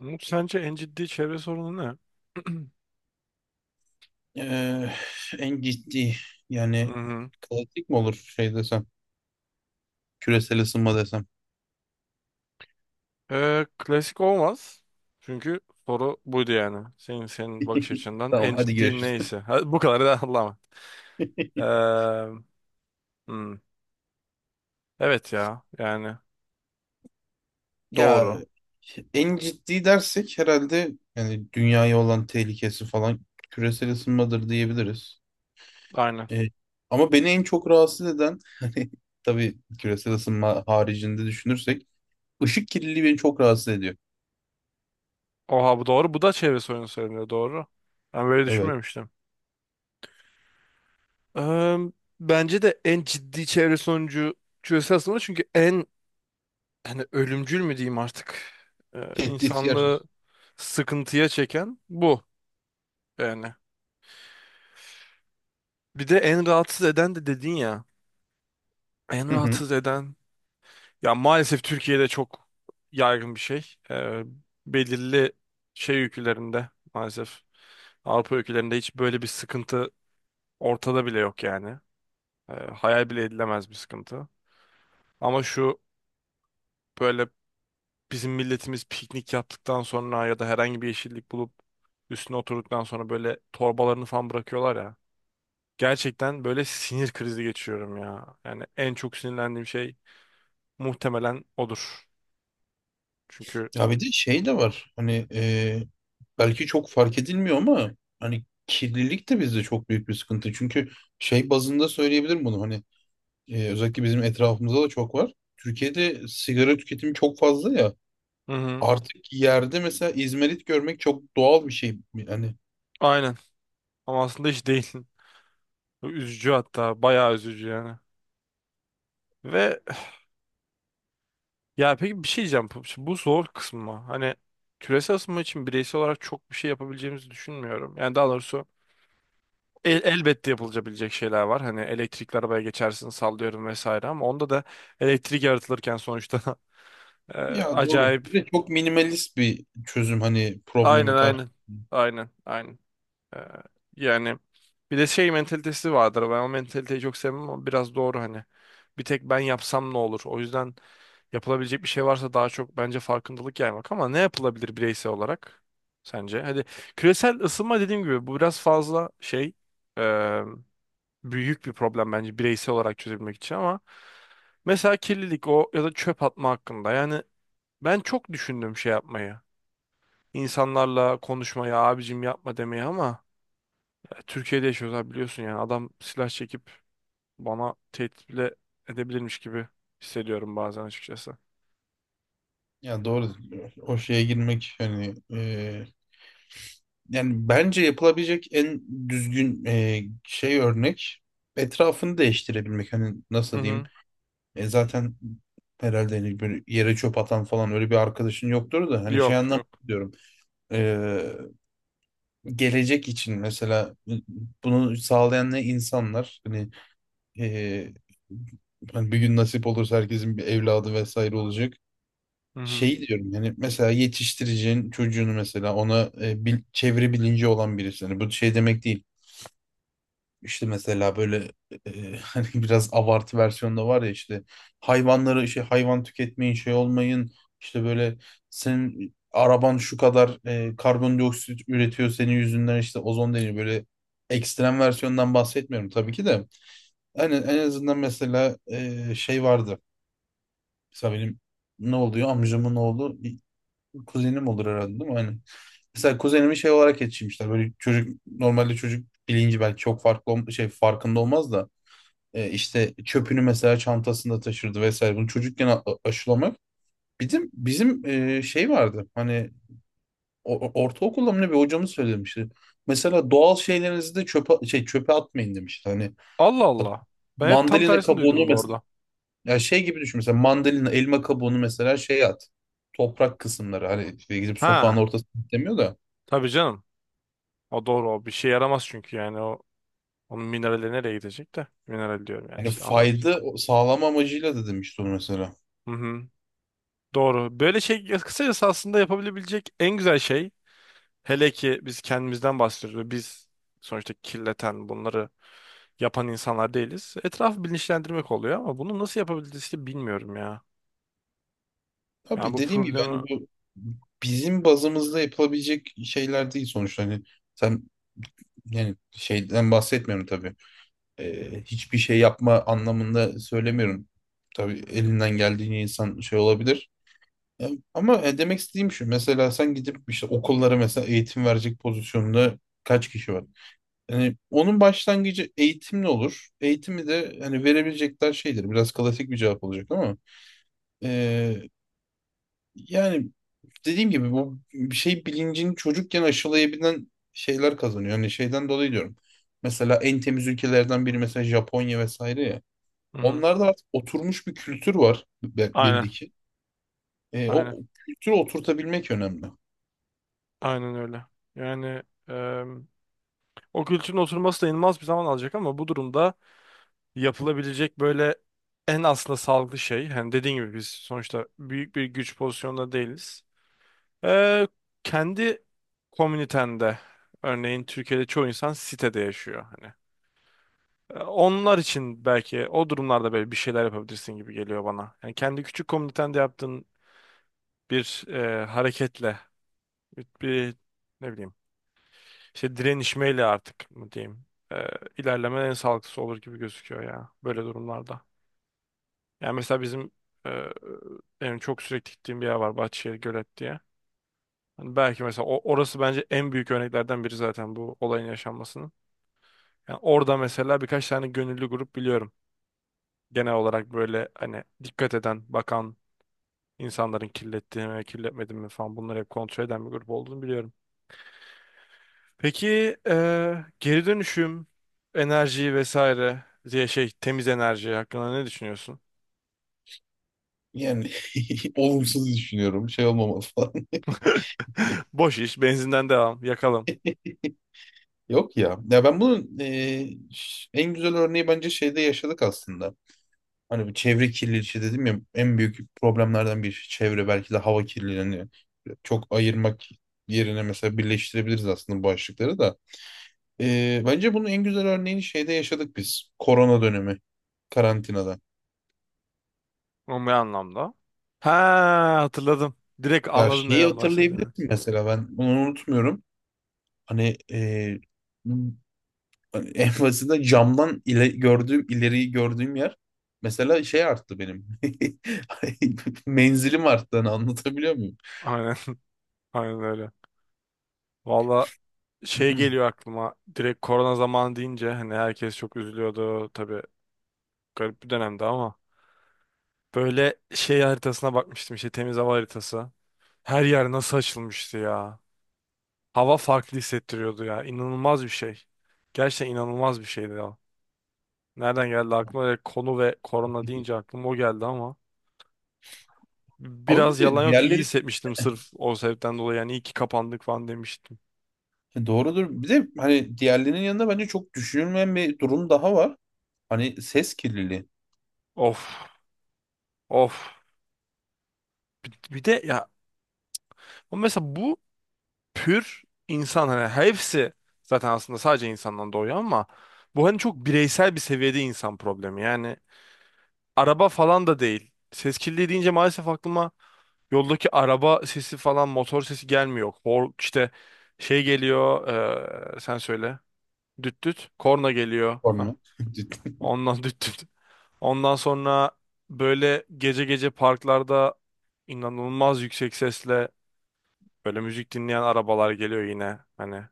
Umut, sence en ciddi çevre sorunu ne? Ee, en ciddi Hı yani hı. klasik mi olur şey desem küresel ısınma desem. Klasik olmaz. Çünkü soru buydu yani. Senin bakış açından Tamam en hadi ciddi görüşürüz. neyse. Ha, bu kadar da anlama. Ee, hmm. Evet ya yani Ya doğru. en ciddi dersek herhalde yani dünyaya olan tehlikesi falan küresel ısınmadır diyebiliriz. Aynen. Ee, ama beni en çok rahatsız eden hani tabii küresel ısınma haricinde düşünürsek ışık kirliliği beni çok rahatsız ediyor. Oha, bu doğru. Bu da çevre sorunu söyleniyor, doğru. Ben böyle Evet. düşünmemiştim. Eee, Bence de en ciddi çevre sonucu çözülse aslında, çünkü en hani ölümcül mü diyeyim artık, Tehdit yer. insanlığı sıkıntıya çeken bu yani. Bir de en rahatsız eden de dedin ya. En rahatsız eden. Ya maalesef Türkiye'de çok yaygın bir şey. Belirli şey ülkelerinde maalesef, Avrupa ülkelerinde hiç böyle bir sıkıntı ortada bile yok yani. Hayal bile edilemez bir sıkıntı. Ama şu, böyle, bizim milletimiz piknik yaptıktan sonra ya da herhangi bir yeşillik bulup üstüne oturduktan sonra böyle torbalarını falan bırakıyorlar ya. Gerçekten böyle sinir krizi geçiriyorum ya. Yani en çok sinirlendiğim şey muhtemelen odur. Çünkü Ya bir de şey de var hani belki çok fark edilmiyor ama hani kirlilik de bizde çok büyük bir sıkıntı. Çünkü şey bazında söyleyebilirim bunu hani özellikle bizim etrafımızda da çok var. Türkiye'de sigara tüketimi çok fazla ya hı hı, artık yerde mesela izmarit görmek çok doğal bir şey. Hani aynen. Ama aslında hiç değil. Bu üzücü hatta. Bayağı üzücü yani. Ve ya peki, bir şey diyeceğim. Bu zor kısmı. Hani küresel ısınma için bireysel olarak çok bir şey yapabileceğimizi düşünmüyorum. Yani daha doğrusu elbette yapılabilecek şeyler var. Hani elektrikli arabaya geçersin sallıyorum vesaire, ama onda da elektrik yaratılırken sonuçta e, ya doğru acayip. bir de çok minimalist bir çözüm hani Aynen problemi kar. aynen. Aynen aynen. Ee, Yani bir de şey mentalitesi vardır. Ben o mentaliteyi çok sevmem ama biraz doğru hani. Bir tek ben yapsam ne olur? O yüzden yapılabilecek bir şey varsa daha çok bence farkındalık yaymak, ama ne yapılabilir bireysel olarak sence? Hadi küresel ısınma dediğim gibi bu biraz fazla şey, e, büyük bir problem bence bireysel olarak çözebilmek için, ama mesela kirlilik o ya da çöp atma hakkında yani ben çok düşündüm şey yapmayı. İnsanlarla konuşmayı abicim, yapma demeyi, ama Türkiye'de yaşıyoruz abi biliyorsun, yani adam silah çekip bana tehdit bile edebilirmiş gibi hissediyorum bazen açıkçası. Ya doğru o şeye girmek hani yani bence yapılabilecek en düzgün şey örnek etrafını değiştirebilmek. Hani Hı nasıl diyeyim? hı. Zaten herhalde hani böyle yere çöp atan falan öyle bir arkadaşın yoktur da hani şey Yok anlamda yok. diyorum. E, gelecek için mesela bunu sağlayan ne insanlar hani, e, hani bir gün nasip olursa herkesin bir evladı vesaire olacak. Hı hı. Şey diyorum yani mesela yetiştireceğin çocuğunu mesela ona çevre bilinci olan birisi. Hani bu şey demek değil. İşte mesela böyle hani biraz abartı versiyonda var ya işte hayvan tüketmeyin şey olmayın işte böyle senin araban şu kadar karbondioksit üretiyor senin yüzünden işte ozon deniyor böyle ekstrem versiyondan bahsetmiyorum tabii ki de yani en azından mesela şey vardı mesela benim ne oluyor amcamın oğlu kuzenim olur herhalde değil mi? Hani mesela kuzenimi şey olarak yetiştirmişler böyle çocuk bilinci belki çok farklı şey farkında olmaz da işte çöpünü mesela çantasında taşırdı vesaire. Bunu çocukken aşılamak. Bizim şey vardı. Hani ortaokulda mı ne bir hocamız söylemişti. Mesela doğal şeylerinizi de çöpe şey çöpe atmayın demişti. Hani Allah at- Allah. Ben hep tam mandalina tersini kabuğunu duydum bu mesela arada. ya şey gibi düşün mesela mandalina elma kabuğunu mesela şey at. Toprak kısımları hani işte gidip sokağın Ha, ortasına demiyor da tabii canım. O doğru, o bir şey yaramaz çünkü yani o, onun minerali nereye gidecek de. Mineral diyorum yani yani işte, anladım. fayda sağlama amacıyla da demişti onu mesela. Hı hı. Doğru. Böyle şey kısacası, aslında yapabilebilecek en güzel şey, hele ki biz kendimizden bahsediyoruz. Biz sonuçta kirleten, bunları yapan insanlar değiliz. Etrafı bilinçlendirmek oluyor, ama bunu nasıl yapabiliriz ki bilmiyorum ya. Yani Tabii bu dediğim gibi problemi... hani bu bizim bazımızda yapılabilecek şeyler değil sonuçta hani sen yani şeyden bahsetmiyorum tabii. Hiçbir şey yapma anlamında söylemiyorum tabii elinden geldiğince insan şey olabilir. Ya, ama demek istediğim şu mesela sen gidip işte okullara mesela eğitim verecek pozisyonda kaç kişi var yani onun başlangıcı eğitimle olur eğitimi de hani verebilecekler şeydir biraz klasik bir cevap olacak ama e, yani dediğim gibi bu bir şey bilincini çocukken aşılayabilen şeyler kazanıyor. Hani şeyden dolayı diyorum. Mesela en temiz ülkelerden biri mesela Japonya vesaire ya. Hı-hı. Onlarda artık oturmuş bir kültür var Aynen, belli ki. O aynen, kültürü oturtabilmek önemli. aynen öyle. Yani e, o kültürün oturması da inanılmaz bir zaman alacak, ama bu durumda yapılabilecek böyle en aslında sağlıklı şey, hani dediğin gibi biz sonuçta büyük bir güç pozisyonunda değiliz. E, Kendi komünitende, örneğin Türkiye'de çoğu insan sitede yaşıyor. Hani e, onlar için belki o durumlarda böyle bir şeyler yapabilirsin gibi geliyor bana. Yani kendi küçük komünitende yaptığın bir hareketle, bir ne bileyim, işte direnişmeyle artık mı diyeyim, e, ilerleme en sağlıklısı olur gibi gözüküyor ya böyle durumlarda. Yani mesela bizim, e, benim çok sürekli gittiğim bir yer var, Bahçeşehir Gölet diye. Hani belki mesela orası bence en büyük örneklerden biri zaten bu olayın yaşanmasının. Yani orada mesela birkaç tane gönüllü grup biliyorum, genel olarak böyle hani dikkat eden, bakan, İnsanların kirlettiğini mi, kirletmediğini mi falan bunları hep kontrol eden bir grup olduğunu biliyorum. Peki geri dönüşüm, enerji vesaire diye şey, temiz enerji hakkında ne düşünüyorsun? Yani olumsuz düşünüyorum. Şey olmamalı falan. Boş iş, benzinden devam, yakalım. Yok ya. Ya ben bunun en güzel örneği bence şeyde yaşadık aslında. Hani bu çevre kirliliği işte dedim ya en büyük problemlerden bir çevre belki de hava kirliliği. Hani çok ayırmak yerine mesela birleştirebiliriz aslında bu başlıkları da. Bence bunun en güzel örneğini şeyde yaşadık biz. Korona dönemi karantinada. O ne anlamda? Ha, hatırladım. Direkt Ya anladın şeyi neden bahsettiğini. hatırlayabilirsin mesela ben bunu unutmuyorum. Hani hani en basitinden gördüğüm ileriyi gördüğüm yer mesela şey arttı benim. Menzilim arttı hani anlatabiliyor muyum? Aynen, aynen öyle. Valla şey geliyor aklıma. Direkt korona zamanı deyince hani herkes çok üzülüyordu. Tabii garip bir dönemdi ama. Böyle şey haritasına bakmıştım, işte temiz hava haritası. Her yer nasıl açılmıştı ya. Hava farklı hissettiriyordu ya. İnanılmaz bir şey. Gerçekten inanılmaz bir şeydi ya. Nereden geldi aklıma? Direkt konu ve korona deyince aklıma o geldi ama. Ama bir Biraz de yalan yok, iyi diğerleri hissetmiştim sırf o sebepten dolayı. Yani iyi ki kapandık falan demiştim. Doğrudur. Bir de hani diğerlerinin yanında bence çok düşünülmeyen bir durum daha var. Hani ses kirliliği Of of. Bir de ya o mesela bu pür insan, hani hepsi zaten aslında sadece insandan doğuyor, ama bu hani çok bireysel bir seviyede insan problemi. Yani araba falan da değil. Ses kirliliği deyince maalesef aklıma yoldaki araba sesi falan, motor sesi gelmiyor. Hor, işte şey geliyor sen söyle. Düt düt. Korna geliyor. Hah, sorunu. Ciddi. ondan düt düt. Ondan sonra böyle gece gece parklarda inanılmaz yüksek sesle böyle müzik dinleyen arabalar geliyor yine. Hani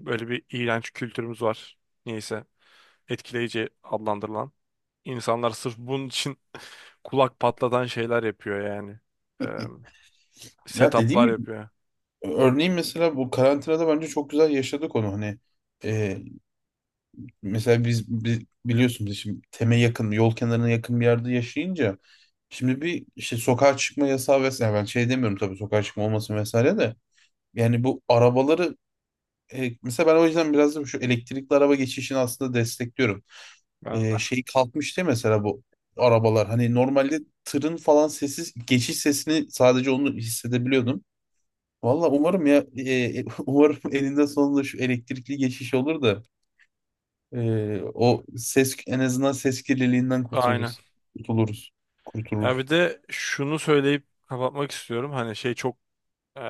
böyle bir iğrenç kültürümüz var. Neyse, etkileyici adlandırılan. İnsanlar sırf bunun için kulak patlatan şeyler yapıyor yani. Ee, Ya dediğim Setuplar gibi yapıyor. örneğin mesela bu karantinada bence çok güzel yaşadık onu. Hani e, mesela biz biliyorsunuz şimdi teme yakın, yol kenarına yakın bir yerde yaşayınca şimdi bir işte sokağa çıkma yasağı vesaire ben şey demiyorum tabii sokağa çıkma olmasın vesaire de yani bu arabaları mesela ben o yüzden biraz da şu elektrikli araba geçişini aslında destekliyorum. Ben de. Şey kalkmıştı değil mesela bu arabalar. Hani normalde tırın falan sessiz geçiş sesini sadece onu hissedebiliyordum. Valla umarım ya umarım elinde sonunda şu elektrikli geçiş olur da o ses en azından ses kirliliğinden Aynen. kurtuluruz. Kurtuluruz. Ya bir Kurtuluruz. de şunu söyleyip kapatmak istiyorum. Hani şey çok e,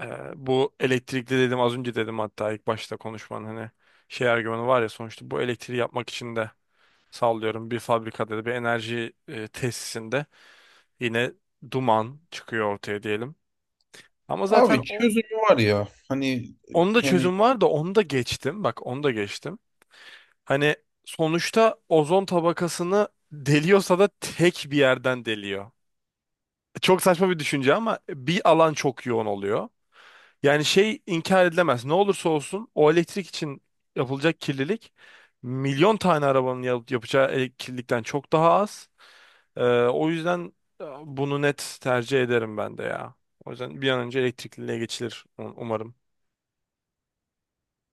bu elektrikli dedim az önce, dedim hatta ilk başta konuşmanın, hani şey argümanı var ya, sonuçta bu elektriği yapmak için de sallıyorum bir fabrikada da bir enerji tesisinde yine duman çıkıyor ortaya diyelim. Ama zaten Abi o, çözümü var ya hani onun da hani çözüm var da onu da geçtim. Bak, onu da geçtim. Hani sonuçta ozon tabakasını deliyorsa da tek bir yerden deliyor. Çok saçma bir düşünce ama bir alan çok yoğun oluyor. Yani şey inkar edilemez. Ne olursa olsun o elektrik için yapılacak kirlilik, milyon tane arabanın yapacağı kirlilikten çok daha az. O yüzden bunu net tercih ederim ben de ya. O yüzden bir an önce elektrikliliğe geçilir umarım.